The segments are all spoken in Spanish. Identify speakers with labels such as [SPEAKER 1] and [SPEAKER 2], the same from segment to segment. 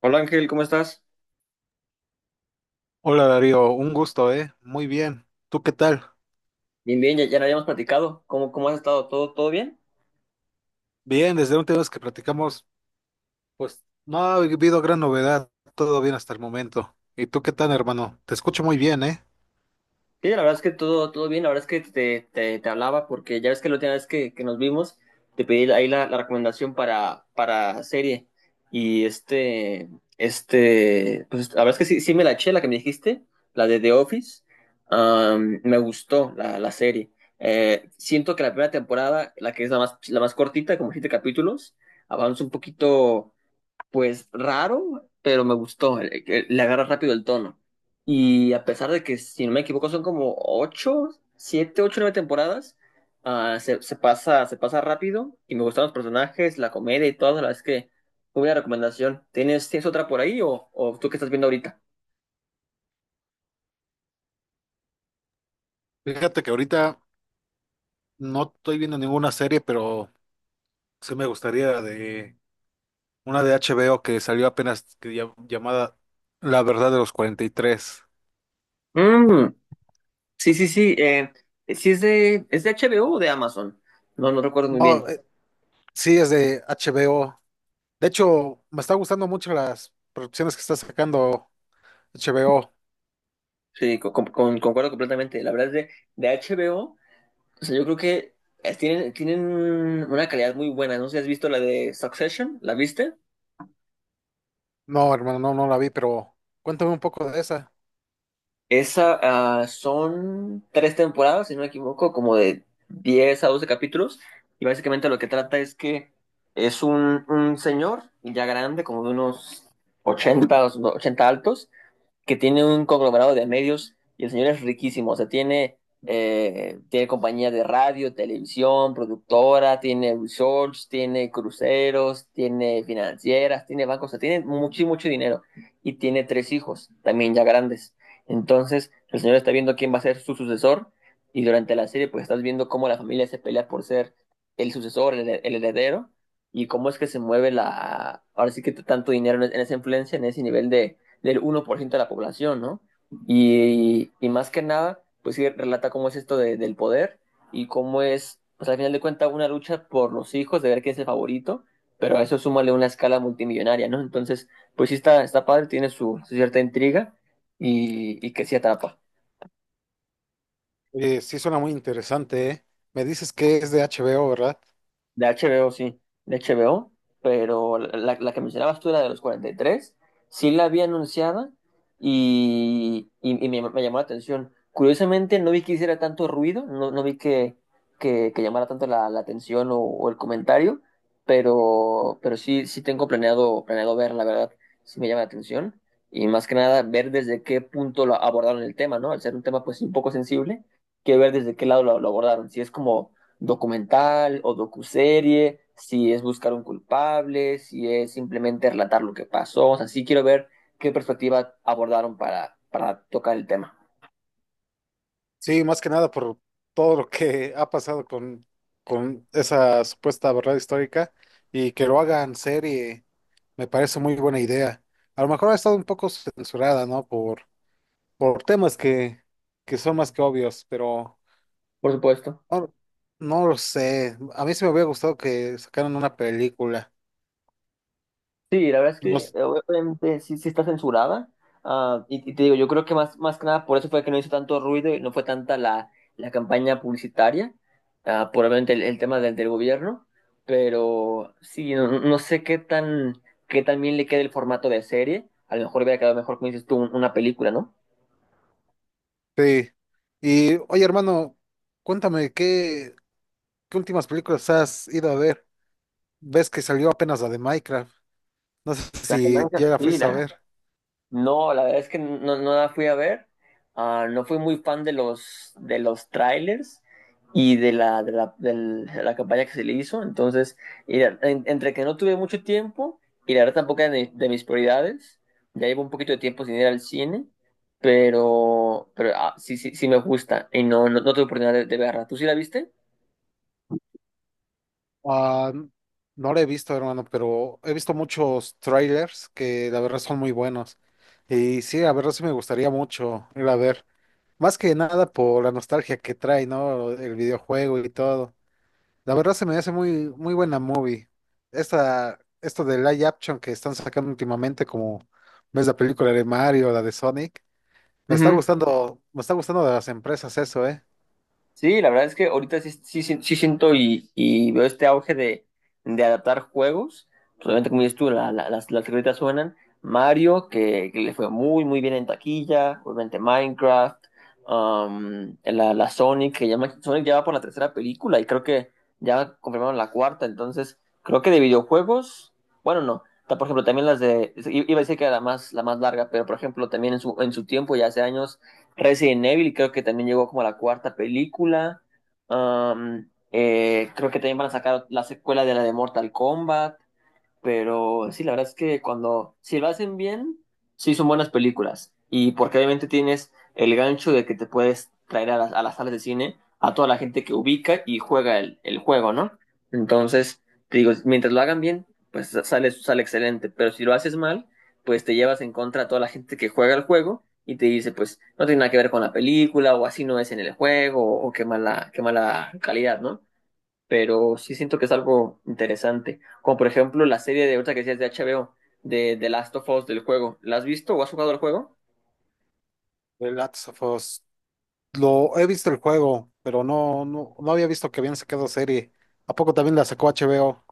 [SPEAKER 1] Hola Ángel, ¿cómo estás?
[SPEAKER 2] Hola Darío, un gusto, ¿eh? Muy bien. ¿Tú qué tal?
[SPEAKER 1] Bien, bien, ya, ya no habíamos platicado. ¿Cómo has estado? ¿Todo bien?
[SPEAKER 2] Bien, desde la última vez que platicamos, pues no ha habido gran novedad, todo bien hasta el momento. ¿Y tú qué tal, hermano? Te escucho muy bien, ¿eh?
[SPEAKER 1] Sí, la verdad es que todo bien. La verdad es que te hablaba porque ya ves que la última vez que nos vimos te pedí ahí la recomendación para serie. Y pues la verdad es que sí me la eché, la que me dijiste, la de The Office. Me gustó la serie. Siento que la primera temporada, la que es la más cortita, como siete capítulos, avanza un poquito pues raro, pero me gustó. Que le agarra rápido el tono. Y a pesar de que, si no me equivoco, son como ocho, siete, ocho, nueve temporadas, se pasa rápido y me gustan los personajes, la comedia y todo. La verdad es que muy buena recomendación. ¿Tienes otra por ahí o, tú qué estás viendo ahorita?
[SPEAKER 2] Fíjate que ahorita no estoy viendo ninguna serie, pero sí me gustaría de una de HBO que salió apenas llamada La Verdad de los 43.
[SPEAKER 1] Mm, sí, sí, sí. Sí es de HBO o de Amazon. No, no recuerdo muy
[SPEAKER 2] No,
[SPEAKER 1] bien.
[SPEAKER 2] sí, es de HBO. De hecho, me está gustando mucho las producciones que está sacando HBO.
[SPEAKER 1] Sí, concuerdo completamente. La verdad es de HBO. O sea, yo creo que tienen una calidad muy buena. No sé si has visto la de Succession, ¿la viste?
[SPEAKER 2] No, hermano, no, no la vi, pero cuéntame un poco de esa.
[SPEAKER 1] Esa, son tres temporadas, si no me equivoco, como de 10 a 12 capítulos. Y básicamente lo que trata es que es un señor ya grande, como de unos 80 o 80 altos, que tiene un conglomerado de medios y el señor es riquísimo, o sea, tiene compañía de radio, televisión, productora, tiene resorts, tiene cruceros, tiene financieras, tiene bancos, o sea, tiene mucho, mucho dinero y tiene tres hijos, también ya grandes. Entonces, el señor está viendo quién va a ser su sucesor y durante la serie pues estás viendo cómo la familia se pelea por ser el sucesor, el heredero y cómo es que se mueve ahora sí que tanto dinero en esa influencia, en ese nivel de del 1% de la población, ¿no? Más que nada, pues sí relata cómo es esto del poder y cómo es, pues al final de cuentas, una lucha por los hijos, de ver quién es el favorito, pero a eso súmale una escala multimillonaria, ¿no? Entonces, pues sí está, está padre, tiene su cierta intriga y que sí atrapa.
[SPEAKER 2] Oye, sí suena muy interesante, ¿eh? Me dices que es de HBO, ¿verdad?
[SPEAKER 1] De HBO, sí, de HBO, pero la que mencionabas tú, la de los 43 sí la había anunciada y me llamó la atención. Curiosamente, no vi que hiciera tanto ruido, no vi que llamara tanto la atención o el comentario, pero sí tengo planeado ver, la verdad, sí me llama la atención. Y más que nada, ver desde qué punto lo abordaron el tema, ¿no? Al ser un tema, pues, un poco sensible, quiero ver desde qué lado lo abordaron. Si es como documental o docuserie, si es buscar un culpable, si es simplemente relatar lo que pasó. O sea, sí quiero ver qué perspectiva abordaron para tocar el tema.
[SPEAKER 2] Sí, más que nada por todo lo que ha pasado con esa supuesta verdad histórica y que lo hagan serie, me parece muy buena idea. A lo mejor ha estado un poco censurada, ¿no? Por temas que son más que obvios, pero
[SPEAKER 1] Por supuesto.
[SPEAKER 2] no, no lo sé. A mí sí me hubiera gustado que sacaran una película.
[SPEAKER 1] Sí, la verdad es
[SPEAKER 2] No.
[SPEAKER 1] que obviamente sí está censurada. Y te digo, yo creo que más que nada por eso fue que no hizo tanto ruido y no fue tanta la campaña publicitaria, probablemente el tema del gobierno, pero sí, no sé qué tan bien le queda el formato de serie. A lo mejor hubiera quedado mejor, como dices tú, una película, ¿no?
[SPEAKER 2] Sí. Y oye, hermano, cuéntame, ¿qué últimas películas has ido a ver? Ves que salió apenas la de Minecraft. No sé
[SPEAKER 1] La
[SPEAKER 2] si ya
[SPEAKER 1] imagen,
[SPEAKER 2] la
[SPEAKER 1] sí,
[SPEAKER 2] fuiste a
[SPEAKER 1] la-
[SPEAKER 2] ver.
[SPEAKER 1] No, la verdad es que no la fui a ver. No fui muy fan de los trailers y de la campaña que se le hizo. Entonces, entre que no tuve mucho tiempo y la verdad tampoco era de mis prioridades, ya llevo un poquito de tiempo sin ir al cine, sí me gusta y no tuve oportunidad de verla. ¿Tú sí la viste?
[SPEAKER 2] Ah, no la he visto, hermano, pero he visto muchos trailers que la verdad son muy buenos. Y sí, la verdad sí me gustaría mucho ir a ver. Más que nada por la nostalgia que trae, ¿no? El videojuego y todo. La verdad se me hace muy, muy buena movie. Esto de live action que están sacando últimamente, como ves la película de Mario, la de Sonic, me está gustando de las empresas eso.
[SPEAKER 1] Sí, la verdad es que ahorita sí siento y veo este auge de adaptar juegos. Pues, obviamente, como dices tú, las rolitas suenan. Mario, que le fue muy, muy bien en taquilla. Obviamente Minecraft. La Sonic, Sonic ya va por la tercera película y creo que ya confirmaron la cuarta. Entonces, creo que de videojuegos, bueno, no. Por ejemplo, también iba a decir que era la más larga, pero por ejemplo, también en su tiempo, ya hace años Resident Evil, creo que también llegó como a la cuarta película. Creo que también van a sacar la secuela de la de Mortal Kombat. Pero sí, la verdad es que si lo hacen bien, sí son buenas películas. Y porque obviamente tienes el gancho de que te puedes traer a las salas de cine a toda la gente que ubica y juega el juego, ¿no? Entonces, te digo, mientras lo hagan bien, pues sale excelente. Pero si lo haces mal, pues te llevas en contra a toda la gente que juega el juego y te dice, pues no tiene nada que ver con la película, o así no es en el juego, o qué mala calidad, ¿no? Pero sí siento que es algo interesante. Como por ejemplo la serie de otra que decías de HBO, de The Last of Us del juego. ¿La has visto o has jugado el juego?
[SPEAKER 2] The Last of Us. Lo he visto el juego, pero no había visto que habían sacado serie. ¿A poco también la sacó HBO?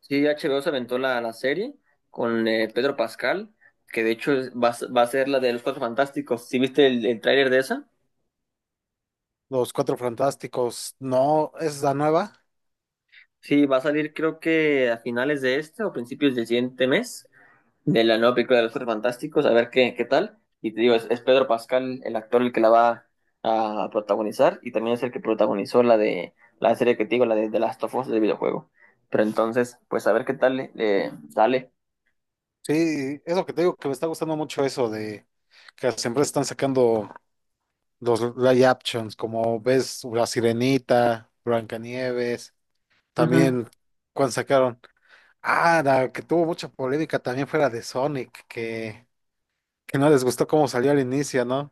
[SPEAKER 1] Sí, HBO se aventó la serie con Pedro Pascal, que de hecho va a ser la de los Cuatro Fantásticos. ¿Sí viste el tráiler de esa?
[SPEAKER 2] Los Cuatro Fantásticos. No, es la nueva.
[SPEAKER 1] Sí, va a salir creo que a finales de este o principios del siguiente mes, de la nueva película de los Cuatro Fantásticos, a ver qué tal. Y te digo, es Pedro Pascal el actor el que la va a protagonizar y también es el que protagonizó la de la serie que te digo, la de The Last of Us del videojuego. Pero entonces, pues a ver qué tal le sale.
[SPEAKER 2] Sí, es lo que te digo que me está gustando mucho eso de que las empresas están sacando los live actions, como ves La Sirenita, Blancanieves, también cuando sacaron, la que tuvo mucha polémica también fue la de Sonic, que no les gustó cómo salió al inicio, ¿no?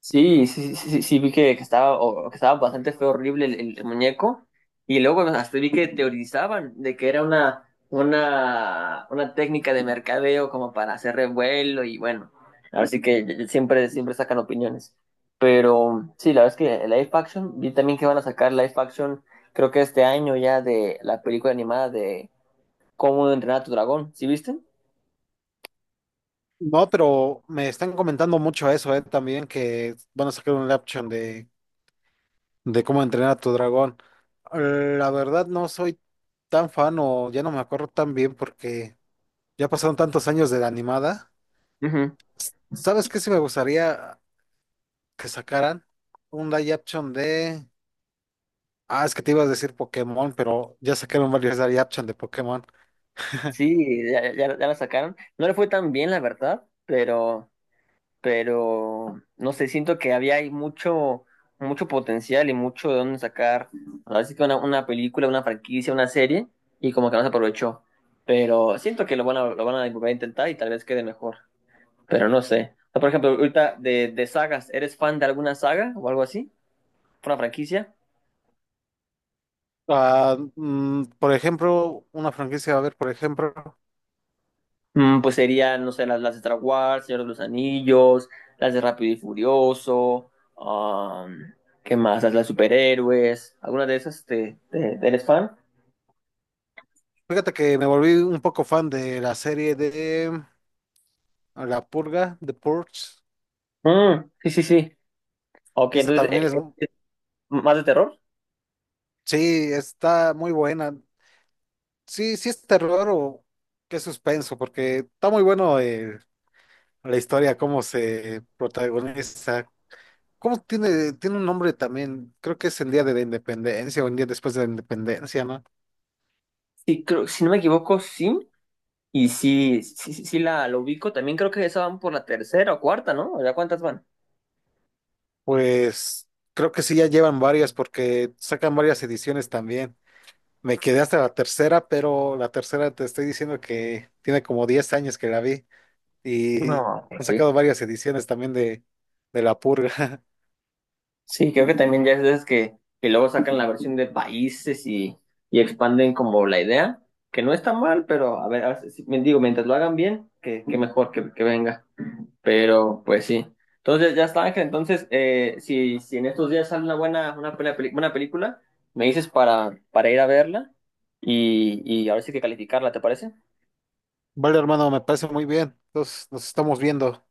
[SPEAKER 1] Sí, sí, sí, sí, sí, vi que estaba bastante feo, horrible el muñeco. Y luego hasta vi que teorizaban de que era una técnica de mercadeo como para hacer revuelo y bueno, así que siempre, siempre sacan opiniones. Pero sí, la verdad es que el live action, vi también que van a sacar live action, creo que este año ya de la película animada de Cómo entrenar a tu dragón, ¿sí viste?
[SPEAKER 2] No, pero me están comentando mucho eso, también que van a sacar un live action de cómo entrenar a tu dragón. La verdad no soy tan fan o ya no me acuerdo tan bien porque ya pasaron tantos años de la animada.
[SPEAKER 1] Ujú.
[SPEAKER 2] ¿Sabes qué? Si me gustaría que sacaran un live action de. Ah, es que te ibas a decir Pokémon, pero ya sacaron varios live action de Pokémon.
[SPEAKER 1] Sí, ya, ya, ya la sacaron. No le fue tan bien, la verdad, pero no sé, siento que había ahí mucho, mucho potencial y mucho de dónde sacar. Así que una película, una franquicia, una serie, y como que no se aprovechó. Pero siento que lo van a volver a intentar y tal vez quede mejor. Pero no sé. O sea, por ejemplo, ahorita de sagas, ¿eres fan de alguna saga o algo así? ¿Una franquicia?
[SPEAKER 2] Ah, por ejemplo, una franquicia, a ver, por ejemplo,
[SPEAKER 1] Pues serían, no sé, las de Star Wars, Señor de los Anillos, las de Rápido y Furioso, um, ¿qué más? Las de superhéroes, ¿alguna de esas eres fan?
[SPEAKER 2] fíjate que me volví un poco fan de la serie de La Purga, The Purge.
[SPEAKER 1] Mm, sí, sí, sí. Ok,
[SPEAKER 2] Esa
[SPEAKER 1] entonces,
[SPEAKER 2] también es,
[SPEAKER 1] eh, ¿más de terror?
[SPEAKER 2] sí, está muy buena. Sí, sí es terror o qué suspenso, porque está muy bueno, la historia, cómo se protagoniza. ¿Cómo tiene un nombre también? Creo que es el día de la independencia o el día después de la independencia, ¿no?
[SPEAKER 1] Sí, creo, si no me equivoco, sí. Y sí, sí, sí, sí la ubico. También creo que esa van por la tercera o cuarta, ¿no? ¿Ya cuántas van?
[SPEAKER 2] Pues creo que sí, ya llevan varias porque sacan varias ediciones también. Me quedé hasta la tercera, pero la tercera te estoy diciendo que tiene como 10 años que la vi y han
[SPEAKER 1] No, pues sí.
[SPEAKER 2] sacado varias ediciones también de La Purga.
[SPEAKER 1] Sí, creo que también ya es de esas que luego sacan la versión de países y expanden como la idea, que no está mal, pero a ver, digo, mientras lo hagan bien, que mejor que venga. Pero, pues sí. Entonces, ya está, Ángel. Entonces, si en estos días sale una buena película, me dices para ir a verla y ahora sí que calificarla, ¿te parece?
[SPEAKER 2] Vale, hermano, me parece muy bien. Entonces nos estamos viendo.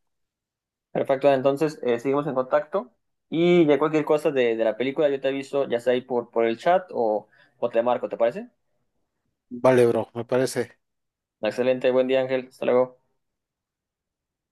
[SPEAKER 1] Perfecto. Entonces, seguimos en contacto y de cualquier cosa de la película, yo te aviso, ya sea ahí por el chat o te marco, ¿te parece?
[SPEAKER 2] Vale, bro, me parece.
[SPEAKER 1] Excelente, buen día, Ángel. Hasta luego.